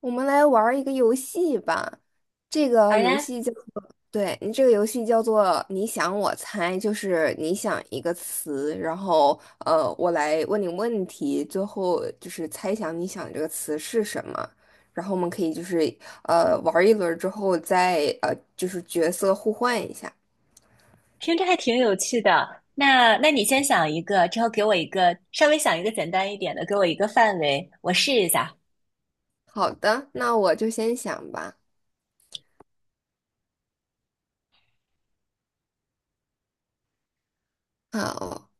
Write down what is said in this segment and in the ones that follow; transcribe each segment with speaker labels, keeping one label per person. Speaker 1: 我们来玩儿一个游戏吧，这
Speaker 2: 好
Speaker 1: 个游
Speaker 2: 呀，
Speaker 1: 戏叫做，对，你这个游戏叫做你想我猜，就是你想一个词，然后我来问你问题，最后就是猜想你想这个词是什么，然后我们可以就是玩儿一轮儿之后再就是角色互换一下。
Speaker 2: 听着还挺有趣的。那你先想一个，之后给我一个，稍微想一个简单一点的，给我一个范围，我试一下。
Speaker 1: 好的，那我就先想吧。好，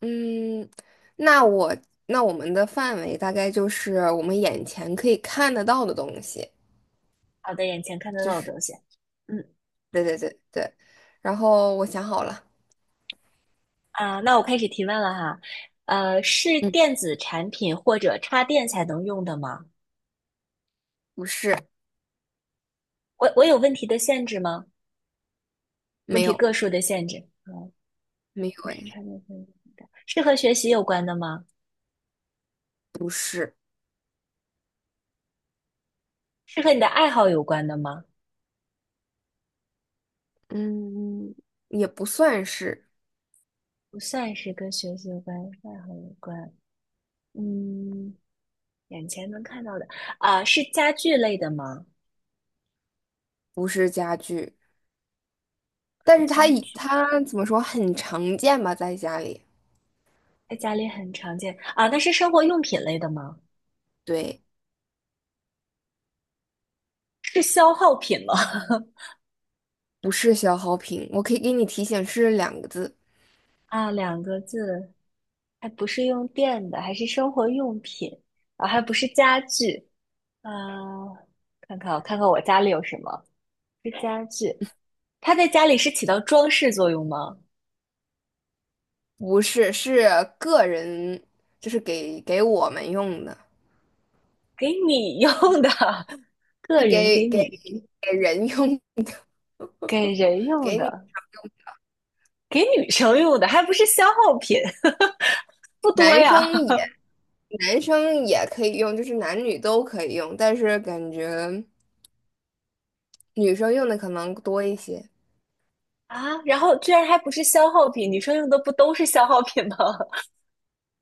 Speaker 1: 嗯，那我那我们的范围大概就是我们眼前可以看得到的东西，
Speaker 2: 好的，眼前看得
Speaker 1: 就
Speaker 2: 到的
Speaker 1: 是
Speaker 2: 东西。嗯
Speaker 1: 对对对对。然后我想好了，
Speaker 2: 啊，那我开始提问了哈。是
Speaker 1: 嗯，
Speaker 2: 电子产品或者插电才能用的吗？
Speaker 1: 不是，
Speaker 2: 我有问题的限制吗？问
Speaker 1: 没
Speaker 2: 题
Speaker 1: 有，
Speaker 2: 个数的限制？啊，
Speaker 1: 没
Speaker 2: 不
Speaker 1: 有，
Speaker 2: 是
Speaker 1: 哎，
Speaker 2: 插电才能用，是和学习有关的吗？
Speaker 1: 不是，
Speaker 2: 是和你的爱好有关的吗？
Speaker 1: 嗯，也不算是，
Speaker 2: 不算是跟学习有关，爱好有关。嗯。眼前能看到的啊，是家具类的吗？
Speaker 1: 不是家具，但
Speaker 2: 是
Speaker 1: 是它
Speaker 2: 家
Speaker 1: 以
Speaker 2: 具，
Speaker 1: 它怎么说很常见吧，在家里，
Speaker 2: 在家里很常见啊。那是生活用品类的吗？
Speaker 1: 对，
Speaker 2: 是消耗品吗？
Speaker 1: 不是消耗品，我可以给你提醒是两个字，
Speaker 2: 啊，2个字，还不是用电的，还是生活用品啊，还不是家具啊。看看我，看看我家里有什么？是家具，它在家里是起到装饰作用吗？
Speaker 1: 不是，是个人，就是给我们用的。
Speaker 2: 给你用的，个
Speaker 1: 是
Speaker 2: 人给
Speaker 1: 给
Speaker 2: 你
Speaker 1: 给人用，
Speaker 2: 给人 用
Speaker 1: 给你
Speaker 2: 的，给女生用的，还不是消耗品，不多
Speaker 1: 男
Speaker 2: 呀。
Speaker 1: 生也男生也可以用，就是男女都可以用，但是感觉女生用的可能多一些。
Speaker 2: 啊，然后居然还不是消耗品，女生用的不都是消耗品吗？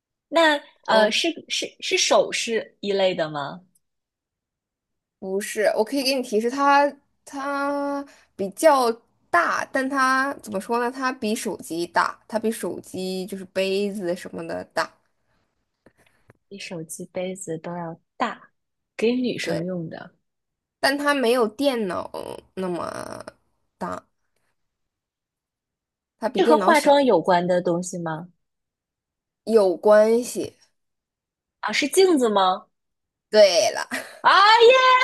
Speaker 2: 那
Speaker 1: 嗯，
Speaker 2: 是首饰一类的吗？
Speaker 1: 不是，我可以给你提示，它比较大，但它怎么说呢？它比手机大，它比手机就是杯子什么的大，
Speaker 2: 比手机、杯子都要大，给女生
Speaker 1: 对，
Speaker 2: 用的，
Speaker 1: 但它没有电脑那么大，它比
Speaker 2: 是和
Speaker 1: 电脑
Speaker 2: 化
Speaker 1: 小，
Speaker 2: 妆有关的东西吗？
Speaker 1: 有关系。
Speaker 2: 啊，是镜子吗？
Speaker 1: 对了。
Speaker 2: 啊耶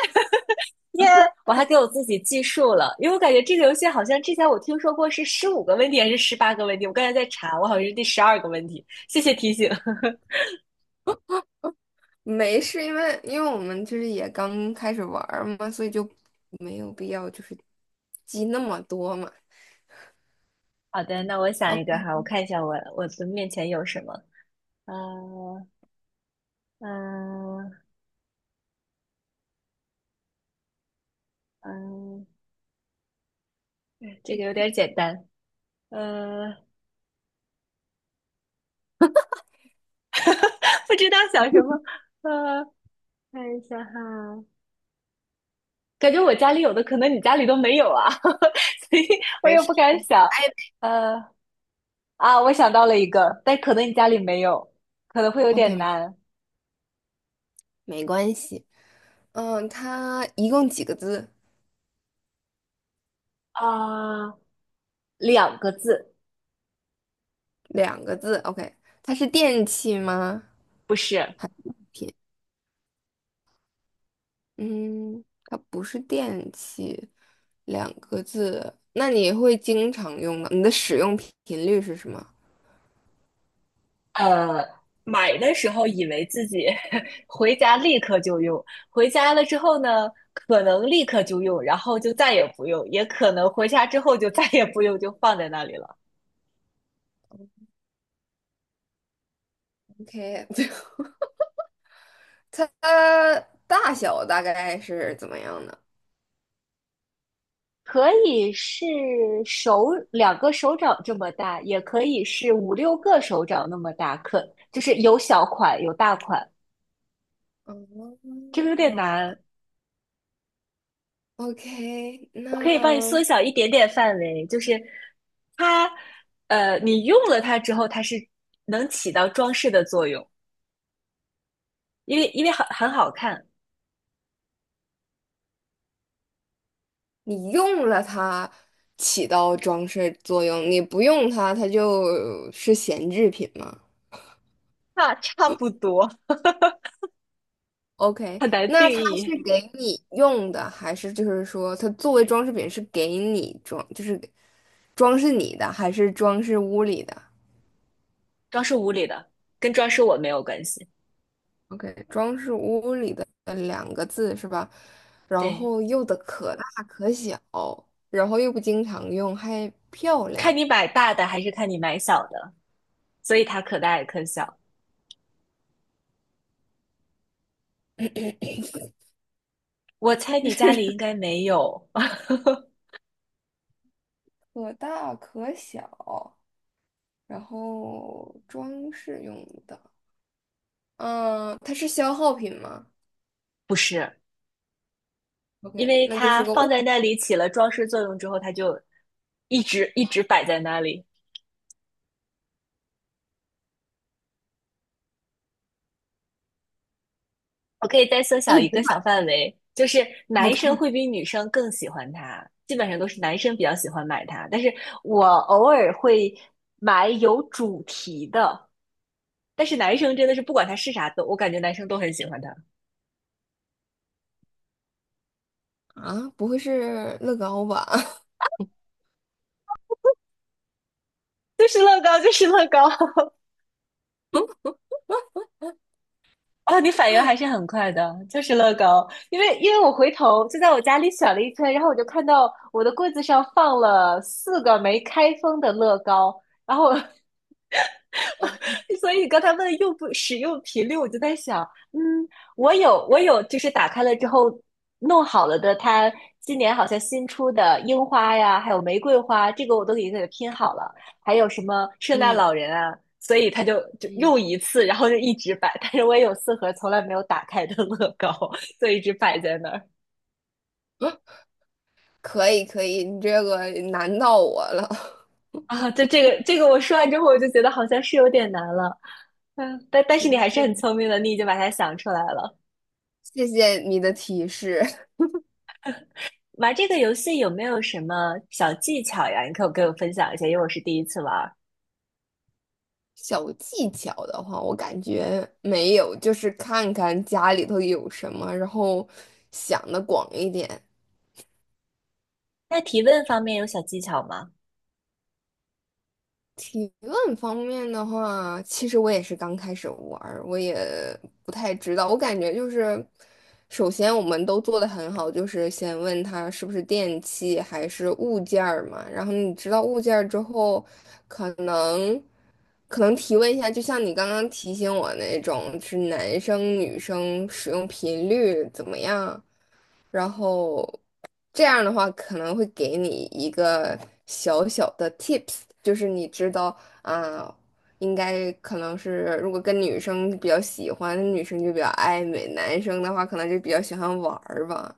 Speaker 2: 耶！我还给我自己计数了，因为我感觉这个游戏好像之前我听说过是15个问题还是18个问题，我刚才在查，我好像是第12个问题，谢谢提醒。
Speaker 1: 没事，因为我们就是也刚开始玩儿嘛，所以就没有必要就是记那么多嘛。
Speaker 2: 好的，那我想一个
Speaker 1: OK，
Speaker 2: 哈，我看一下我的面前有什么。啊。嗯嗯，这个有点简单。呃，不知道想什么。呃，看一下哈，感觉我家里有的，可能你家里都没有啊，所以我
Speaker 1: 没
Speaker 2: 也
Speaker 1: 事
Speaker 2: 不敢想。呃，啊，我想到了一个，但可能你家里没有，可能会有点
Speaker 1: ，OK，
Speaker 2: 难。
Speaker 1: 没关系。嗯，它一共几个字？
Speaker 2: 啊、两个字，
Speaker 1: 两个字。OK，它是电器吗？
Speaker 2: 不是。
Speaker 1: 还是物品？嗯，它不是电器，两个字。那你会经常用吗？你的使用频率是什么
Speaker 2: 呃，买的时候以为自己 回家立刻就用，回家了之后呢，可能立刻就用，然后就再也不用，也可能回家之后就再也不用，就放在那里了。
Speaker 1: ？OK，它大小大概是怎么样呢？
Speaker 2: 可以是手2个手掌这么大，也可以是5、6个手掌那么大，可就是有小款有大款，
Speaker 1: 哦
Speaker 2: 这个有点难。
Speaker 1: ，OK，
Speaker 2: 我可以帮你
Speaker 1: 那
Speaker 2: 缩小一点点范围，就是它，你用了它之后，它是能起到装饰的作用。因为很好看，
Speaker 1: 你用了它起到装饰作用，你不用它，它就是闲置品吗
Speaker 2: 差不多。
Speaker 1: ？OK，
Speaker 2: 很难定
Speaker 1: 那它是
Speaker 2: 义。
Speaker 1: 给你用的，还是就是说它作为装饰品是给你装，就是装饰你的，还是装饰屋里的
Speaker 2: 装饰屋里的跟装饰我没有关系，
Speaker 1: ？OK，装饰屋里的两个字是吧？然
Speaker 2: 对，
Speaker 1: 后又的可大可小，然后又不经常用，还漂亮。
Speaker 2: 看你买大的还是看你买小的，所以它可大也可小。我猜你家里应该没有，
Speaker 1: 可大可小，然后装饰用的。嗯，它是消耗品吗
Speaker 2: 不是，因
Speaker 1: ？OK，
Speaker 2: 为
Speaker 1: 那就是
Speaker 2: 它
Speaker 1: 个
Speaker 2: 放
Speaker 1: 物，
Speaker 2: 在那里起了装饰作用之后，它就一直摆在那里。我可以再缩小
Speaker 1: 一
Speaker 2: 一
Speaker 1: 直
Speaker 2: 个小
Speaker 1: 买。
Speaker 2: 范围，就是男生
Speaker 1: OK
Speaker 2: 会比女生更喜欢它，基本上都是男生比较喜欢买它，但是我偶尔会买有主题的，但是男生真的是不管它是啥都，我感觉男生都很喜欢它，
Speaker 1: 啊，不会是乐高吧？
Speaker 2: 就是乐高，就是乐高。啊，你反应还是很快的，就是乐高，因为我回头就在我家里选了一圈，然后我就看到我的柜子上放了4个没开封的乐高，然后 所以刚才问用不使用频率，我就在想，嗯，我有，就是打开了之后弄好了的，它今年好像新出的樱花呀，还有玫瑰花，这个我都已经给它拼好了，还有什么圣诞老人啊，所以他就就
Speaker 1: 嗯，
Speaker 2: 用一次，然后就一直摆。但是我也有4盒从来没有打开的乐高，所以一直摆在那儿
Speaker 1: 可以可以，你这个难到我了。
Speaker 2: 啊。就这个我说完之后，我就觉得好像是有点难了，嗯，但但
Speaker 1: 也
Speaker 2: 是你还是
Speaker 1: 是，
Speaker 2: 很聪明的，你已经把它想出来了。
Speaker 1: 谢谢你的提示。
Speaker 2: 玩这个游戏有没有什么小技巧呀？你可不给我分享一下，因为我是第一次玩儿。
Speaker 1: 小技巧的话，我感觉没有，就是看看家里头有什么，然后想的广一点。
Speaker 2: 那提问方面有小技巧吗？
Speaker 1: 提问方面的话，其实我也是刚开始玩儿我也不太知道。我感觉就是，首先我们都做的很好，就是先问他是不是电器还是物件儿嘛。然后你知道物件儿之后，可能可能提问一下，就像你刚刚提醒我那种，是男生女生使用频率怎么样？然后这样的话可能会给你一个小小的 tips，就是你知道啊，应该可能是如果跟女生比较喜欢，女生就比较爱美，男生的话可能就比较喜欢玩儿吧。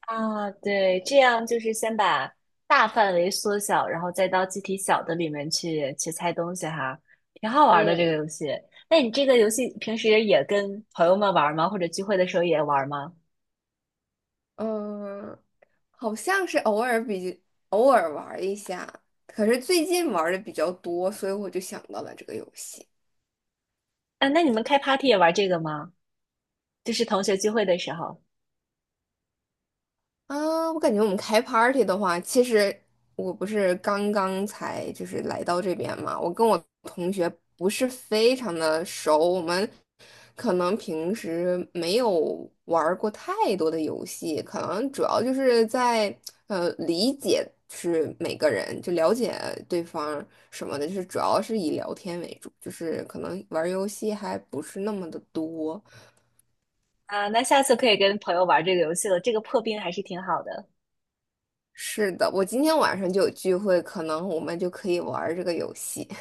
Speaker 2: 啊，对，这样就是先把大范围缩小，然后再到具体小的里面去去猜东西哈，挺好玩的这
Speaker 1: 嗯，
Speaker 2: 个游戏。那你这个游戏平时也跟朋友们玩吗？或者聚会的时候也玩吗？
Speaker 1: 嗯，好像是偶尔玩儿一下，可是最近玩的比较多，所以我就想到了这个游戏。
Speaker 2: 啊，那你们开 party 也玩这个吗？就是同学聚会的时候
Speaker 1: 啊，我感觉我们开 party 的话，其实我不是刚刚才就是来到这边嘛，我跟我同学不是非常的熟，我们可能平时没有玩儿过太多的游戏，可能主要就是在理解是每个人，就了解对方什么的，就是主要是以聊天为主，就是可能玩儿游戏还不是那么的多。
Speaker 2: 啊，那下次可以跟朋友玩这个游戏了，这个破冰还是挺好的。
Speaker 1: 是的，我今天晚上就有聚会，可能我们就可以玩儿这个游戏。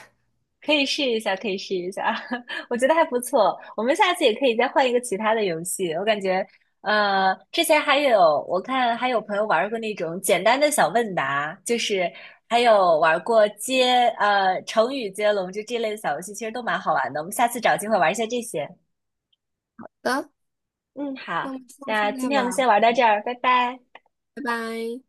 Speaker 2: 可以试一下，可以试一下，我觉得还不错。我们下次也可以再换一个其他的游戏。我感觉，之前还有我看还有朋友玩过那种简单的小问答，就是还有玩过接成语接龙，就这类的小游戏，其实都蛮好玩的。我们下次找机会玩一下这些。
Speaker 1: 好的，
Speaker 2: 嗯，好，
Speaker 1: 那我们下
Speaker 2: 那
Speaker 1: 次
Speaker 2: 今
Speaker 1: 再
Speaker 2: 天我
Speaker 1: 玩
Speaker 2: 们先玩
Speaker 1: 儿，
Speaker 2: 到这儿，拜拜。
Speaker 1: 拜拜。